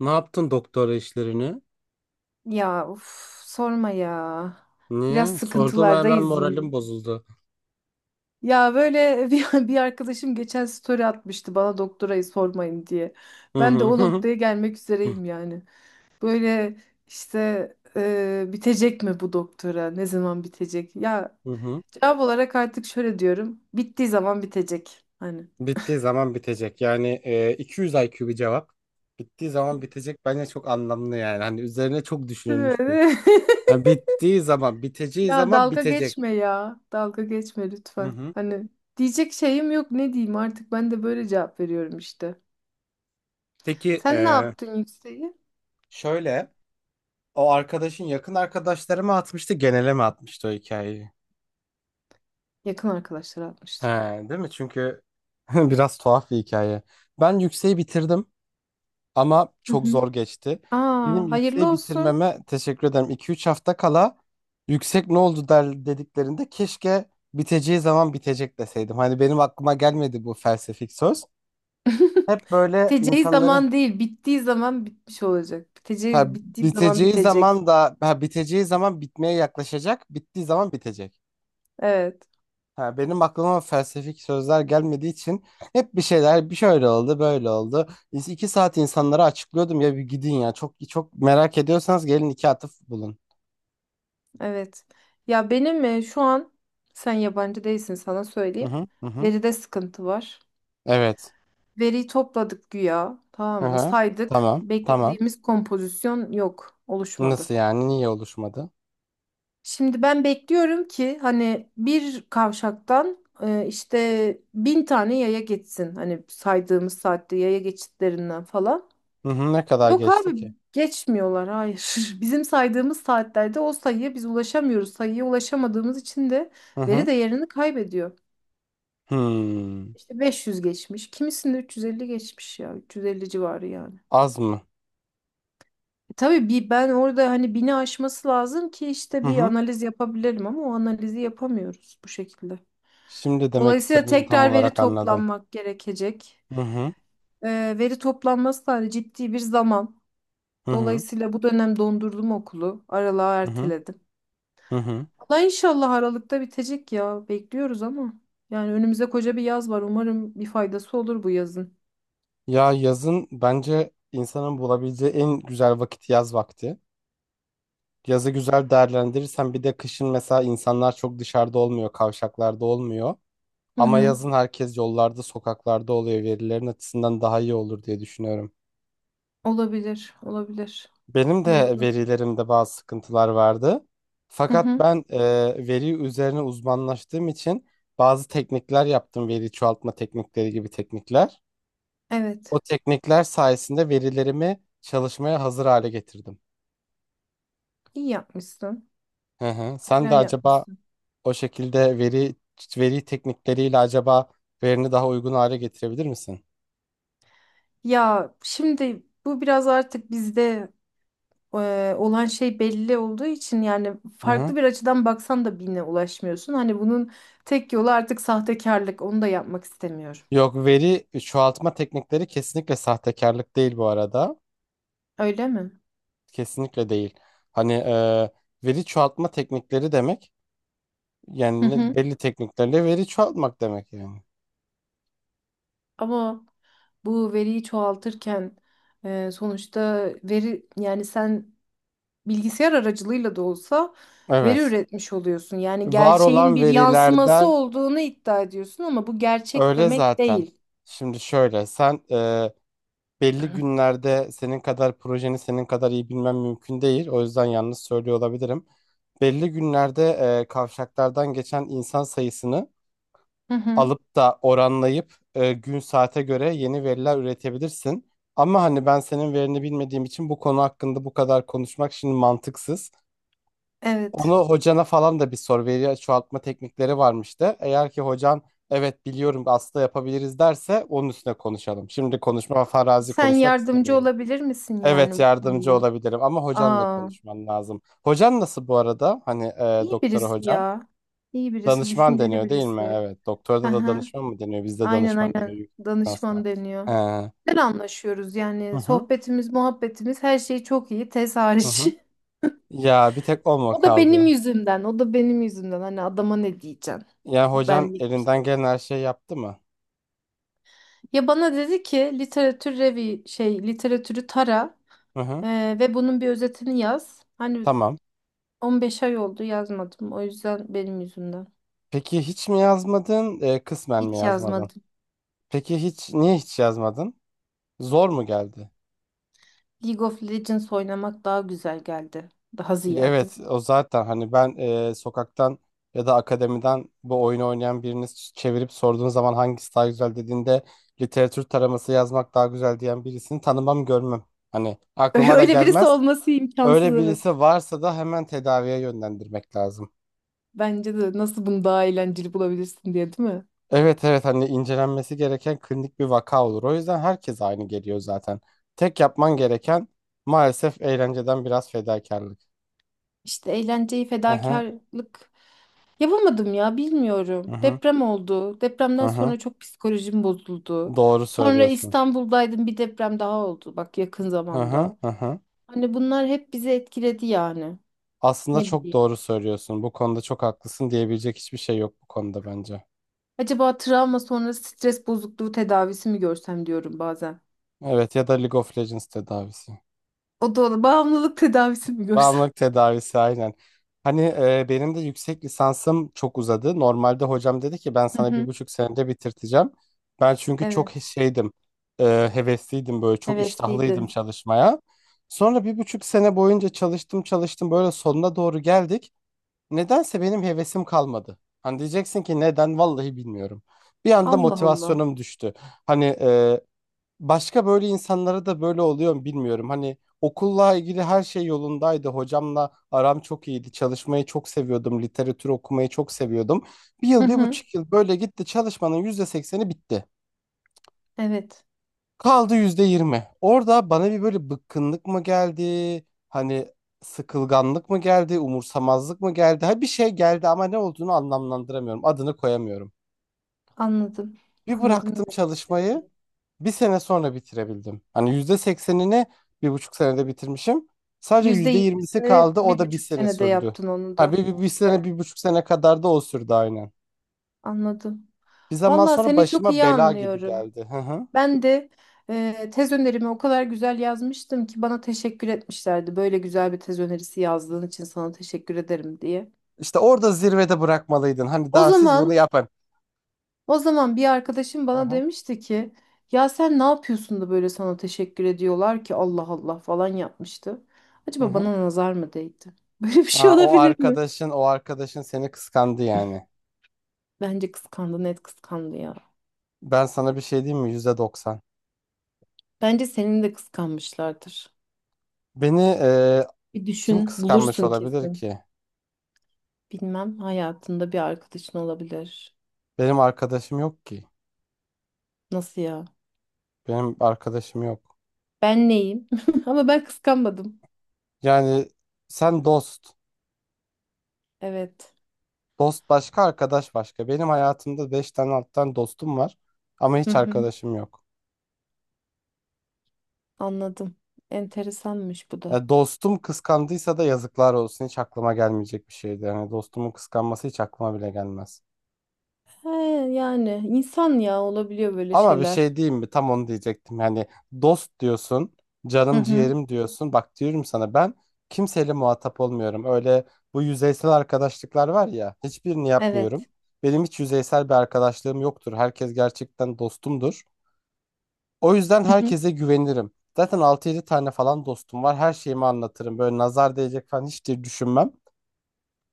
Ne yaptın doktora işlerini? Ya uf, sorma ya. Biraz Niye? Sordum hemen sıkıntılardayız yine. moralim bozuldu. Ya böyle bir arkadaşım geçen story atmıştı bana doktorayı sormayın diye. Hı Ben de hı o hı noktaya gelmek hı. üzereyim yani. Böyle işte bitecek mi bu doktora? Ne zaman bitecek? Ya Hı hı. cevap olarak artık şöyle diyorum. Bittiği zaman bitecek. Hani. Bittiği zaman bitecek. Yani, 200 IQ bir cevap. Bittiği zaman bitecek bence çok anlamlı yani. Hani üzerine çok Değil düşünülmüş bir. mi? Yani bittiği zaman, biteceği Ya zaman dalga bitecek. geçme ya. Dalga geçme Hı lütfen. hı. Hani diyecek şeyim yok, ne diyeyim artık, ben de böyle cevap veriyorum işte. Peki, Sen ne yaptın yükseği? şöyle o arkadaşın yakın arkadaşları mı atmıştı, genele mi atmıştı o hikayeyi? Yakın arkadaşlar He, atmıştı. değil mi? Çünkü biraz tuhaf bir hikaye. Ben yükseği bitirdim. Ama Hı çok hı. zor geçti. Benim Aa, hayırlı yükseği olsun. bitirmeme teşekkür ederim. 2-3 hafta kala yüksek ne oldu der dediklerinde keşke biteceği zaman bitecek deseydim. Hani benim aklıma gelmedi bu felsefik söz. Hep böyle Biteceği insanları, zaman değil, bittiği zaman bitmiş olacak. ha, Bittiği zaman biteceği bitecek. zaman da ha, biteceği zaman bitmeye yaklaşacak, bittiği zaman bitecek. Evet, Ha, benim aklıma felsefik sözler gelmediği için hep bir şeyler bir şöyle oldu, böyle oldu. 2 saat insanlara açıklıyordum ya bir gidin ya çok çok merak ediyorsanız gelin iki atıf bulun. evet. Ya benim şu an sen yabancı değilsin, sana Hı söyleyeyim. hı hı hı. Veride sıkıntı var. Evet. Veriyi topladık güya, Hı tamam mı? hı. Saydık. Tamam. Tamam. Beklediğimiz kompozisyon yok, oluşmadı. Nasıl yani? Niye oluşmadı? Şimdi ben bekliyorum ki hani bir kavşaktan işte 1.000 tane yaya geçsin. Hani saydığımız saatte yaya geçitlerinden falan. Hı hı. Ne kadar Yok abi, geçti ki? geçmiyorlar, hayır. Bizim saydığımız saatlerde o sayıya biz ulaşamıyoruz. Sayıya ulaşamadığımız için de Hı veri hı. değerini kaybediyor. Hmm. İşte 500 geçmiş. Kimisinde 350 geçmiş ya. 350 civarı yani. Az mı? E tabii bir ben orada hani 1.000'i aşması lazım ki işte Hı bir hı. analiz yapabilirim, ama o analizi yapamıyoruz bu şekilde. Şimdi demek Dolayısıyla istediğini tam tekrar veri olarak anladım. toplanmak gerekecek. Hı hı. Veri toplanması da hani ciddi bir zaman. Hı hı. Dolayısıyla bu dönem dondurdum okulu. Aralığa Hı hı. erteledim. Hı hı. Valla inşallah Aralık'ta bitecek ya. Bekliyoruz ama. Yani önümüzde koca bir yaz var. Umarım bir faydası olur bu yazın. Ya yazın bence insanın bulabileceği en güzel vakit yaz vakti. Yazı güzel değerlendirirsen bir de kışın mesela insanlar çok dışarıda olmuyor, kavşaklarda olmuyor. Hı Ama hı. yazın herkes yollarda, sokaklarda oluyor. Verilerin açısından daha iyi olur diye düşünüyorum. Olabilir, olabilir. Benim de Doğru. verilerimde bazı sıkıntılar vardı. Hı Fakat hı. ben veri üzerine uzmanlaştığım için bazı teknikler yaptım. Veri çoğaltma teknikleri gibi teknikler. O Evet. teknikler sayesinde verilerimi çalışmaya hazır hale getirdim. İyi yapmışsın. Hı hı. Sen de Güzel acaba yapmışsın. o şekilde veri teknikleriyle acaba verini daha uygun hale getirebilir misin? Ya şimdi bu biraz artık bizde olan şey belli olduğu için yani Hı hı. farklı bir açıdan baksan da birine ulaşmıyorsun. Hani bunun tek yolu artık sahtekarlık. Onu da yapmak istemiyorum. Yok veri, çoğaltma teknikleri kesinlikle sahtekarlık değil bu arada. Öyle mi? Kesinlikle değil. Hani, veri çoğaltma teknikleri demek Hı yani hı. belli tekniklerle veri çoğaltmak demek yani. Ama bu veriyi çoğaltırken sonuçta veri, yani sen bilgisayar aracılığıyla da olsa veri Evet. üretmiş oluyorsun. Yani Var gerçeğin olan bir yansıması verilerden olduğunu iddia ediyorsun ama bu gerçek öyle demek zaten. değil. Şimdi şöyle sen, belli Hı. günlerde senin kadar projeni senin kadar iyi bilmem mümkün değil. O yüzden yalnız söylüyor olabilirim. Belli günlerde kavşaklardan geçen insan sayısını Hı hı. alıp da oranlayıp, gün saate göre yeni veriler üretebilirsin. Ama hani ben senin verini bilmediğim için bu konu hakkında bu kadar konuşmak şimdi mantıksız. Onu Evet. hocana falan da bir sor. Veri çoğaltma teknikleri varmış da. Eğer ki hocan evet biliyorum aslında yapabiliriz derse onun üstüne konuşalım. Şimdi konuşma farazi Sen konuşmak yardımcı istemiyorum. olabilir misin yani Evet bu yardımcı konuda? olabilirim ama hocanla Aa, konuşman lazım. Hocan nasıl bu arada? Hani, iyi doktora birisi hocam? ya. İyi birisi, Danışman düşünceli deniyor değil mi? birisi. Evet. Doktorda da Aha, danışman mı deniyor? Bizde aynen danışman deniyor aynen. yüksek lisansta. Danışman deniyor. Hı Güzel anlaşıyoruz yani. hı, Sohbetimiz, muhabbetimiz, her şey çok iyi. Tez hı hariç. hı. Ya bir tek o mu O da benim kaldı? yüzümden. O da benim yüzümden. Hani adama ne diyeceksin? Ya hocan Benlik bir elinden şey. gelen her şeyi yaptı mı? Ya bana dedi ki literatür revi şey literatürü tara, Hı hı. Ve bunun bir özetini yaz. Hani Tamam. 15 ay oldu, yazmadım. O yüzden benim yüzümden. Peki hiç mi yazmadın? Kısmen mi Hiç yazmadın? yazmadım. Peki hiç niye hiç yazmadın? Zor mu geldi? League of Legends oynamak daha güzel geldi. Daha ziyade. Evet o zaten hani ben, sokaktan ya da akademiden bu oyunu oynayan birini çevirip sorduğun zaman hangisi daha güzel dediğinde literatür taraması yazmak daha güzel diyen birisini tanımam görmem. Hani aklıma da Öyle birisi gelmez. olması imkansız, Öyle evet. birisi varsa da hemen tedaviye yönlendirmek lazım. Bence de, nasıl bunu daha eğlenceli bulabilirsin diye, değil mi? Evet evet hani incelenmesi gereken klinik bir vaka olur. O yüzden herkes aynı geliyor zaten. Tek yapman gereken maalesef eğlenceden biraz fedakarlık. İşte eğlenceyi Aha, fedakarlık yapamadım ya, bilmiyorum. aha, Deprem oldu. Depremden aha. sonra çok psikolojim bozuldu. Doğru Sonra söylüyorsun. İstanbul'daydım, bir deprem daha oldu bak yakın Aha, zamanda. aha. Hani bunlar hep bizi etkiledi yani. Aslında Ne çok bileyim. doğru söylüyorsun. Bu konuda çok haklısın diyebilecek hiçbir şey yok bu konuda bence. Acaba travma sonrası stres bozukluğu tedavisi mi görsem diyorum bazen. Evet ya da League of Legends tedavisi. O da olur. Bağımlılık tedavisi mi görsem? Bağımlılık tedavisi aynen. Hani, benim de yüksek lisansım çok uzadı. Normalde hocam dedi ki ben Hı sana bir hı. buçuk senede bitirteceğim. Ben çünkü çok Evet. şeydim, hevesliydim böyle çok iştahlıydım Hevesliydin. çalışmaya. Sonra 1,5 sene boyunca çalıştım çalıştım böyle sonuna doğru geldik. Nedense benim hevesim kalmadı. Hani diyeceksin ki neden? Vallahi bilmiyorum. Bir anda Allah Allah. motivasyonum düştü. Hani, başka böyle insanlara da böyle oluyor mu bilmiyorum. Hani okulla ilgili her şey yolundaydı. Hocamla aram çok iyiydi. Çalışmayı çok seviyordum. Literatür okumayı çok seviyordum. Bir Hı yıl, bir hı. buçuk yıl böyle gitti. Çalışmanın %80'i bitti. Evet. Kaldı %20. Orada bana bir böyle bıkkınlık mı geldi? Hani sıkılganlık mı geldi? Umursamazlık mı geldi? Ha bir şey geldi ama ne olduğunu anlamlandıramıyorum. Adını koyamıyorum. Anladım. Bir Anladım bıraktım ne demek çalışmayı. istediğini. Bir sene sonra bitirebildim. Hani %80'ini 1,5 senede bitirmişim. Sadece Yüzde %20'si yirmisini kaldı. bir O da bir buçuk sene senede sürdü. yaptın onu Ha bir, da. bir, bir sene, 1,5 sene kadar da o sürdü aynen. Anladım. Bir zaman Valla sonra seni çok başıma iyi bela gibi anlıyorum. geldi. Hı hı. Ben de tez önerimi o kadar güzel yazmıştım ki bana teşekkür etmişlerdi. Böyle güzel bir tez önerisi yazdığın için sana teşekkür ederim diye. İşte orada zirvede bırakmalıydın. Hani O daha siz bunu zaman yapın. o zaman bir arkadaşım Hı bana hı. demişti ki ya sen ne yapıyorsun da böyle sana teşekkür ediyorlar ki, Allah Allah falan yapmıştı. Hı Acaba hı. bana nazar mı değdi? Böyle bir şey Aa, o olabilir mi? arkadaşın o arkadaşın seni kıskandı yani. Bence kıskandı, net kıskandı ya. Ben sana bir şey diyeyim mi? %90. Bence senin de kıskanmışlardır. Beni Bir kim düşün, kıskanmış bulursun olabilir kesin. ki? Bilmem, hayatında bir arkadaşın olabilir. Benim arkadaşım yok ki. Nasıl ya? Benim arkadaşım yok. Ben neyim? Ama ben kıskanmadım. Yani sen dost. Evet. Dost başka, arkadaş başka. Benim hayatımda beş tane alttan dostum var. Ama Hı hiç hı. arkadaşım yok. Anladım. Enteresanmış bu da. Ya dostum kıskandıysa da yazıklar olsun. Hiç aklıma gelmeyecek bir şeydi. Yani dostumun kıskanması hiç aklıma bile gelmez. He, yani insan, ya olabiliyor böyle Ama bir şeyler. şey diyeyim mi? Tam onu diyecektim. Yani dost diyorsun, Hı canım hı. ciğerim diyorsun. Bak diyorum sana ben kimseyle muhatap olmuyorum. Öyle bu yüzeysel arkadaşlıklar var ya, hiçbirini yapmıyorum. Evet. Benim hiç yüzeysel bir arkadaşlığım yoktur. Herkes gerçekten dostumdur. O yüzden Hı hı. herkese güvenirim. Zaten altı yedi tane falan dostum var. Her şeyimi anlatırım. Böyle nazar değecek falan hiç de düşünmem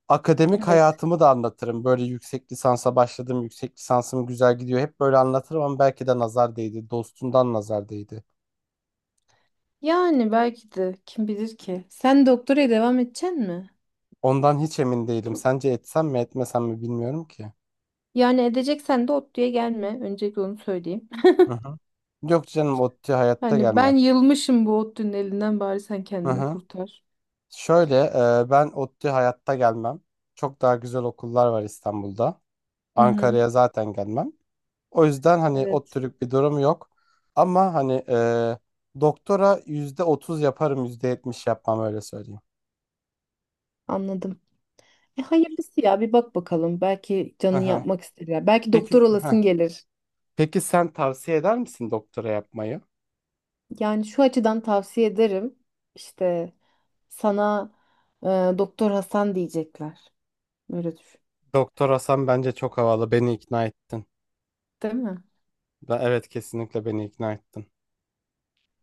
akademik Evet. hayatımı da anlatırım. Böyle yüksek lisansa başladım. Yüksek lisansım güzel gidiyor. Hep böyle anlatırım ama belki de nazar değdi. Dostumdan nazar değdi. Yani belki de, kim bilir ki. Sen doktoraya devam edeceksin mi? Ondan hiç emin değilim. Sence etsem mi etmesem mi bilmiyorum ki. Yani edeceksen de ODTÜ'ye gelme. Öncelikle onu söyleyeyim. Hı hı. Yok canım ODTÜ hayatta Hani gelmem. ben yılmışım bu ODTÜ'nün elinden, bari sen Hı kendini hı. kurtar. Şöyle, ben ODTÜ hayatta gelmem. Çok daha güzel okullar var İstanbul'da. Hı hı. Ankara'ya zaten gelmem. O yüzden hani Evet. ODTÜ'lük bir durum yok. Ama hani, doktora %30 yaparım %70 yapmam öyle söyleyeyim. Anladım. E, hayırlısı ya, bir bak bakalım. Belki canın yapmak ister ya. Belki Peki, doktor olasın heh. gelir. Peki sen tavsiye eder misin doktora yapmayı? Yani şu açıdan tavsiye ederim. İşte sana e, Doktor Hasan diyecekler. Böyle düşün. Doktor Hasan bence çok havalı. Beni ikna ettin. Değil mi? Da, evet kesinlikle beni ikna ettin.